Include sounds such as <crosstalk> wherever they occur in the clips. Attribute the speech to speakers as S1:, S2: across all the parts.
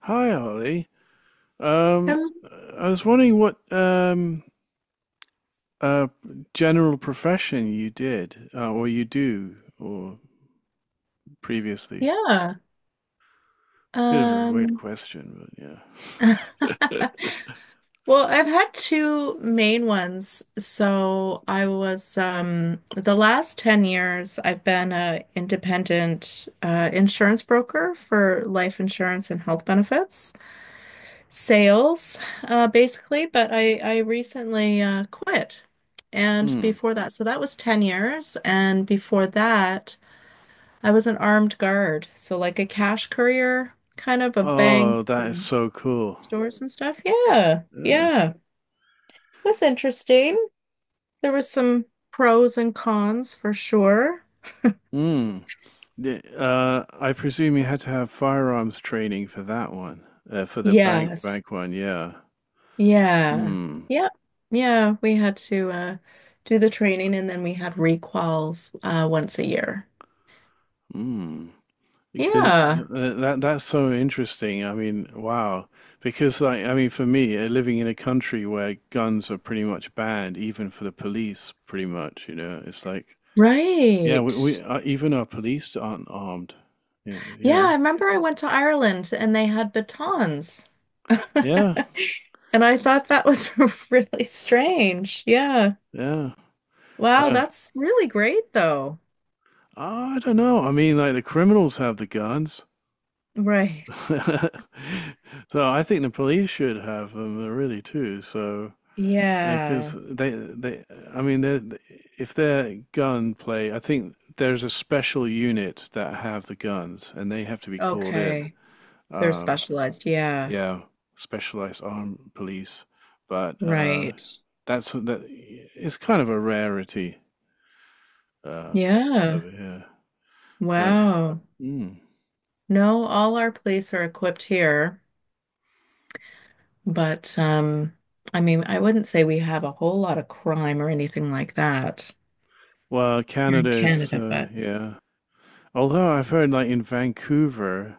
S1: Hi, Ollie. Um,
S2: Um,
S1: I was wondering what uh, general profession you did, or you do, or previously.
S2: yeah.
S1: Bit of a weird
S2: Um,
S1: question, but yeah.
S2: <laughs> well, I've had two main ones. So I was the last 10 years I've been a independent insurance broker for life insurance and health benefits, sales, basically, but I recently quit. And
S1: Hmm.
S2: before that, so that was 10 years, and before that I was an armed guard, so like a cash courier, kind of a bank
S1: Oh, that is
S2: and
S1: so cool.
S2: stores and stuff. Yeah,
S1: Yeah.
S2: yeah. That's interesting. There was some pros and cons for sure.
S1: Hmm. I presume you had to have firearms training for that one, for the bank
S2: Yes.
S1: bank one. Yeah.
S2: Yeah.
S1: Hmm.
S2: Yeah. Yeah. We had to do the training and then we had recalls once a year.
S1: Hmm. Because
S2: Yeah.
S1: that's so interesting. I mean, wow. Because I mean, for me, living in a country where guns are pretty much banned, even for the police, pretty much, you know, it's like, yeah,
S2: Right.
S1: we even our police aren't armed. You
S2: Yeah,
S1: know,
S2: I remember I went to Ireland and they had batons. <laughs>
S1: yeah,
S2: And I thought that was <laughs> really strange. Yeah.
S1: yeah.
S2: Wow,
S1: Uh,
S2: that's really great though.
S1: I don't know. I mean, like the criminals have the guns,
S2: Right.
S1: <laughs> so I think the police should have them really too. So. Because
S2: Yeah.
S1: I mean, if they're gunplay, I think there's a special unit that have the guns, and they have to be called in.
S2: Okay. They're
S1: Um,
S2: specialized. Yeah.
S1: yeah, specialized armed police, but uh,
S2: Right.
S1: that's uh, that. It's kind of a rarity uh,
S2: Yeah.
S1: over here. But
S2: Wow.
S1: mm.
S2: No, all our police are equipped here, but I mean, I wouldn't say we have a whole lot of crime or anything like that
S1: Well,
S2: here in
S1: Canada is
S2: Canada, but
S1: yeah. Although I've heard like in Vancouver,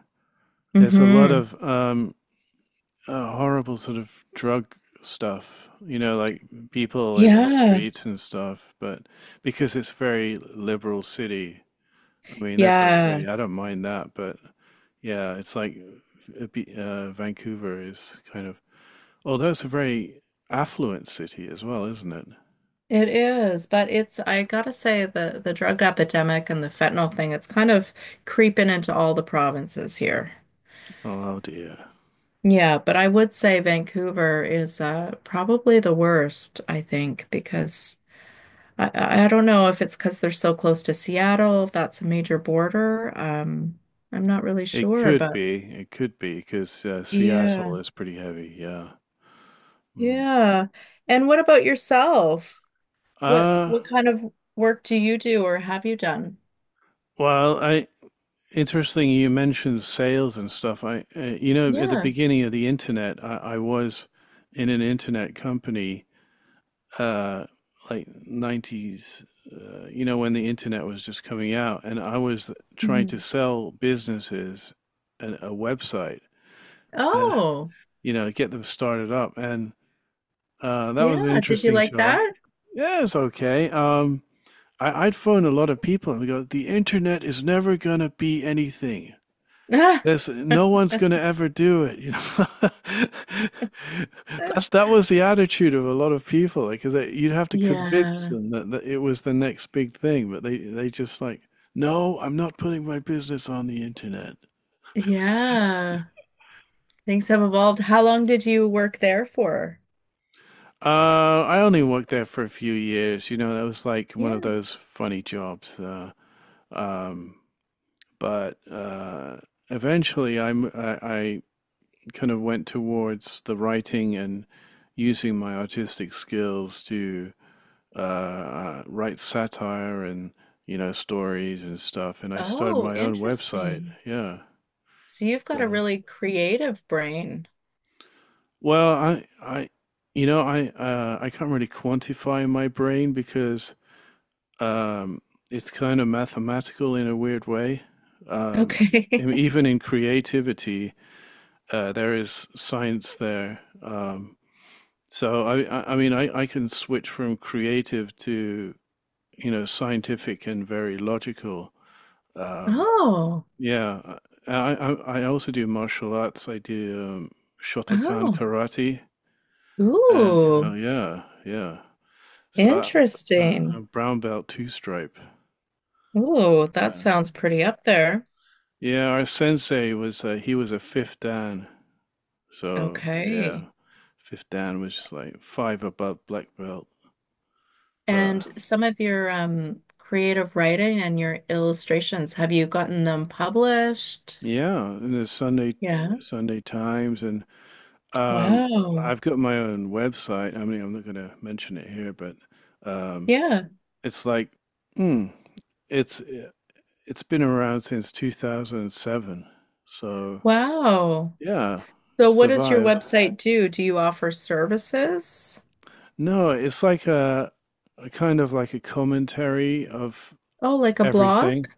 S1: there's a lot
S2: mhm.
S1: of horrible sort of drug stuff, you know, like people in the
S2: Yeah,
S1: streets and stuff. But because it's very liberal city, I mean, that's
S2: yeah,
S1: okay. I don't mind that. But yeah, it's like Vancouver is kind of, although it's a very affluent city as well, isn't it?
S2: it is. But I gotta say, the drug epidemic and the fentanyl thing, it's kind of creeping into all the provinces here.
S1: Oh dear.
S2: Yeah, but I would say Vancouver is probably the worst, I think, because I don't know if it's because they're so close to Seattle, if that's a major border. I'm not really
S1: It
S2: sure,
S1: could
S2: but
S1: be. It could be because Seattle
S2: yeah,
S1: is pretty heavy. Yeah. Mm.
S2: yeah. And what about yourself? What
S1: Uh,
S2: what kind of work do you do or have you done?
S1: well, I Interesting, you mentioned sales and stuff. You know, at the
S2: Yeah.
S1: beginning of the internet, I was in an internet company, uh, like 90s, you know, when the internet was just coming out, and I was trying to
S2: Mhm.
S1: sell businesses a website and,
S2: Oh,
S1: you know, get them started up. And that
S2: yeah.
S1: was an
S2: Did you
S1: interesting
S2: like
S1: job.
S2: that?
S1: Yeah, it's okay. I'd phone a lot of people and we go, the internet is never gonna be anything.
S2: <laughs>
S1: This No one's going to ever do it, you know. <laughs> That was the attitude of a lot of people, like 'cause they, you'd have to convince
S2: yeah.
S1: them that it was the next big thing, but they just like, no, I'm not putting my business on the internet.
S2: Yeah. Things have evolved. How long did you work there for?
S1: I only worked there for a few years, you know. That was like one of
S2: Yeah.
S1: those funny jobs. Um, but Eventually, I kind of went towards the writing and using my artistic skills to write satire and you know stories and stuff. And I started
S2: Oh,
S1: my own website.
S2: interesting.
S1: Yeah.
S2: So you've got a
S1: So
S2: really creative brain.
S1: well, I you know I can't really quantify my brain because um, it's kind of mathematical in a weird way. Um,
S2: Okay. <laughs>
S1: even in creativity, there is science there. So I can switch from creative to, you know, scientific and very logical. Um,
S2: Oh,
S1: yeah, I, I, I also do martial arts. I do Shotokan
S2: oh,
S1: karate, and you
S2: ooh,
S1: know, yeah, yeah. So I,
S2: interesting.
S1: I'm brown belt two stripe.
S2: Ooh, that
S1: Yeah,
S2: sounds pretty up there.
S1: yeah. Our sensei was he was a fifth dan, so yeah,
S2: Okay.
S1: fifth dan was just like five above black belt, but.
S2: And some of your creative writing and your illustrations, have you gotten them published?
S1: Yeah, and the Sunday
S2: Yeah.
S1: Sunday Times, and um,
S2: Wow.
S1: I've got my own website. I mean, I'm not going to mention it here, but um,
S2: Yeah.
S1: it's like, hmm, it's eh, it's been around since 2007. So
S2: Wow.
S1: yeah,
S2: So
S1: it's
S2: what does your
S1: survived.
S2: website do? Do you offer services?
S1: No, it's like a kind of like a commentary of
S2: Oh, like a blog?
S1: everything,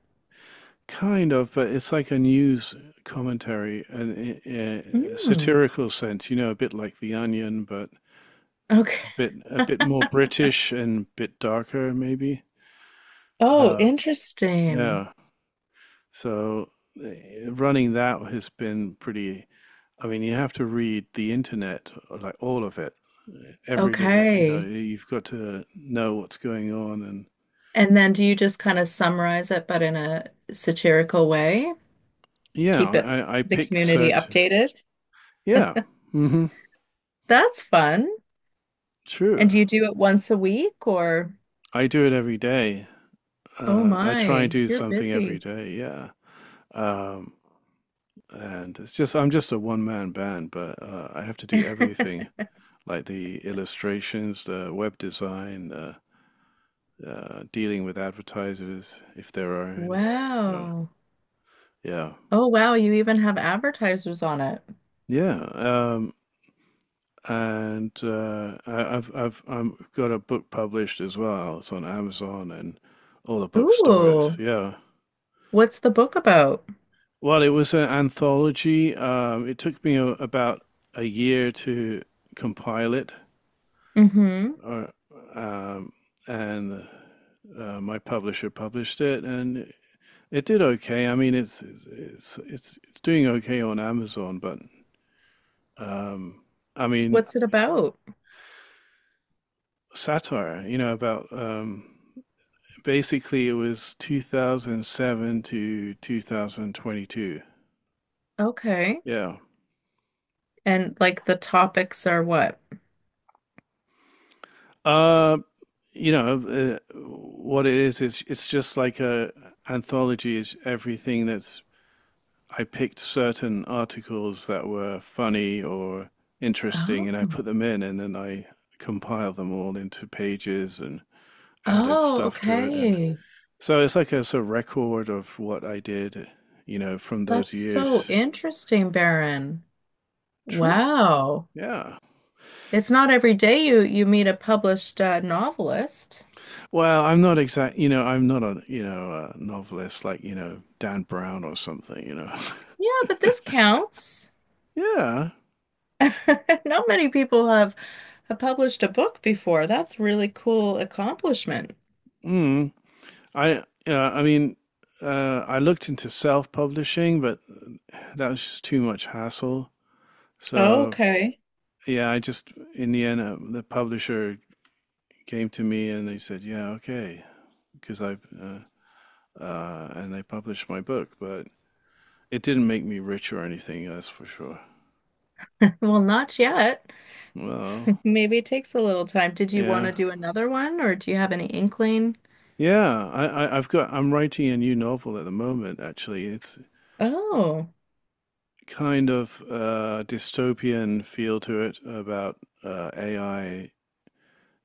S1: kind of, but it's like a news commentary, an a
S2: Hmm.
S1: satirical sense, you know, a bit like The Onion, but
S2: Okay.
S1: a bit more British and a bit darker maybe.
S2: Oh,
S1: Uh,
S2: interesting.
S1: yeah. So eh, running that has been pretty. I mean, you have to read the internet, like all of it, every little. You know,
S2: Okay.
S1: you've got to know what's going on, and
S2: And then do you just kind of summarize it, but in a satirical way?
S1: yeah,
S2: Keep it
S1: I
S2: the
S1: pick
S2: community
S1: certain.
S2: updated?
S1: Yeah. Hmm.
S2: That's fun. And do
S1: True.
S2: you do it once a week or?
S1: I do it every day.
S2: Oh
S1: I try and
S2: my,
S1: do
S2: you're
S1: something every
S2: busy.
S1: day. Yeah. Um, and it's just I'm just a one man band, but I have to do everything
S2: <laughs>
S1: like the illustrations, the web design, dealing with advertisers if there are any. Yeah,
S2: Wow.
S1: yeah,
S2: Oh wow, you even have advertisers on it.
S1: yeah. And I, I've I'm got a book published as well. It's on Amazon and all the bookstores.
S2: Ooh,
S1: Yeah.
S2: what's the book about?
S1: Well, it was an anthology. It took me about a year to compile it,
S2: Mm-hmm.
S1: or, um, and my publisher published it, and it did okay. I mean, it's doing okay on Amazon, but um, I mean,
S2: What's it about?
S1: satire. You know about basically it was 2007 to 2022.
S2: Okay.
S1: Yeah.
S2: And like the topics are what?
S1: Uh, what it is. It's just like a anthology. Is Everything that's I picked certain articles that were funny or interesting,
S2: Oh.
S1: and I put them in, and then I compile them all into pages and added
S2: Oh,
S1: stuff to it. And
S2: okay.
S1: so it's like a sort of record of what I did, you know, from those
S2: That's so
S1: years.
S2: interesting, Baron.
S1: True.
S2: Wow.
S1: Yeah.
S2: It's not every day you meet a published novelist.
S1: Well, I'm not exact, you know, I'm not a, you know, a novelist like, you know, Dan Brown or something, you know. <laughs>
S2: Yeah, but this counts.
S1: Yeah.
S2: <laughs> Not many people have I published a book before. That's really cool accomplishment.
S1: Mm. Yeah, I mean, I looked into self-publishing, but that was just too much hassle. So,
S2: Okay. <laughs>
S1: yeah, I just, in the end, the publisher came to me and they said, yeah, okay, because I published my book, but it didn't make me rich or anything, that's for sure.
S2: Well, not yet.
S1: Well,
S2: Maybe it takes a little time. Did you want
S1: yeah,
S2: to do another one or do you have any inkling?
S1: yeah. I I've got I'm writing a new novel at the moment. Actually, it's
S2: Oh,
S1: kind of dystopian feel to it about AI.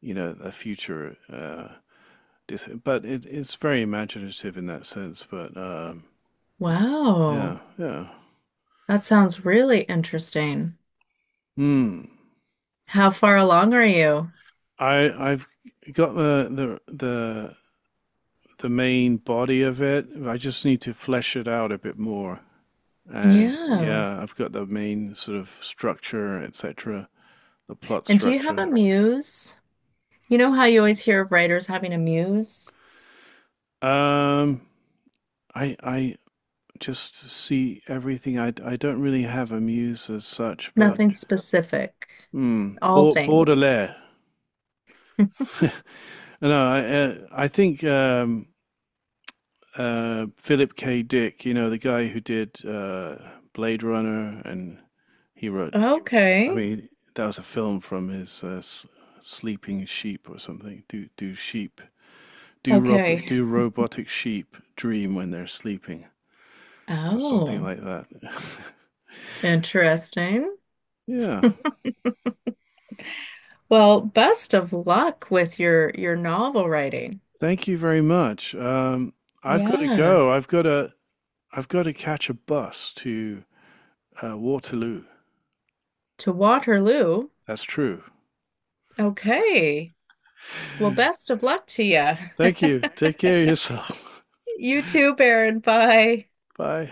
S1: You know, a future. It's very imaginative in that sense. But
S2: wow.
S1: yeah, yeah.
S2: That sounds really interesting.
S1: Hmm.
S2: How far along are you?
S1: I've got the main body of it. I just need to flesh it out a bit more. And
S2: Yeah.
S1: yeah, I've got the main sort of structure, etc., the plot
S2: And do you have a
S1: structure.
S2: muse? You know how you always hear of writers having a muse?
S1: Um, I just see everything. I don't really have a muse as such, but
S2: Nothing specific,
S1: hmm,
S2: all things.
S1: Baudelaire. <laughs> No, I think Philip K. Dick, you know, the guy who did Blade Runner and he wrote I
S2: Okay.
S1: mean, that was a film from his Sleeping Sheep or something. Do do sheep do rob
S2: Okay.
S1: do robotic sheep dream when they're sleeping or something
S2: Oh,
S1: like that?
S2: interesting.
S1: <laughs> Yeah.
S2: Well, best of luck with your novel writing.
S1: Thank you very much. I've got to
S2: Yeah,
S1: go. I've got to catch a bus to Waterloo.
S2: to Waterloo.
S1: That's true. <laughs>
S2: Okay. Well, best of luck to you.
S1: Thank you. Take care of
S2: <laughs>
S1: yourself.
S2: You too, Baron. Bye.
S1: <laughs> Bye.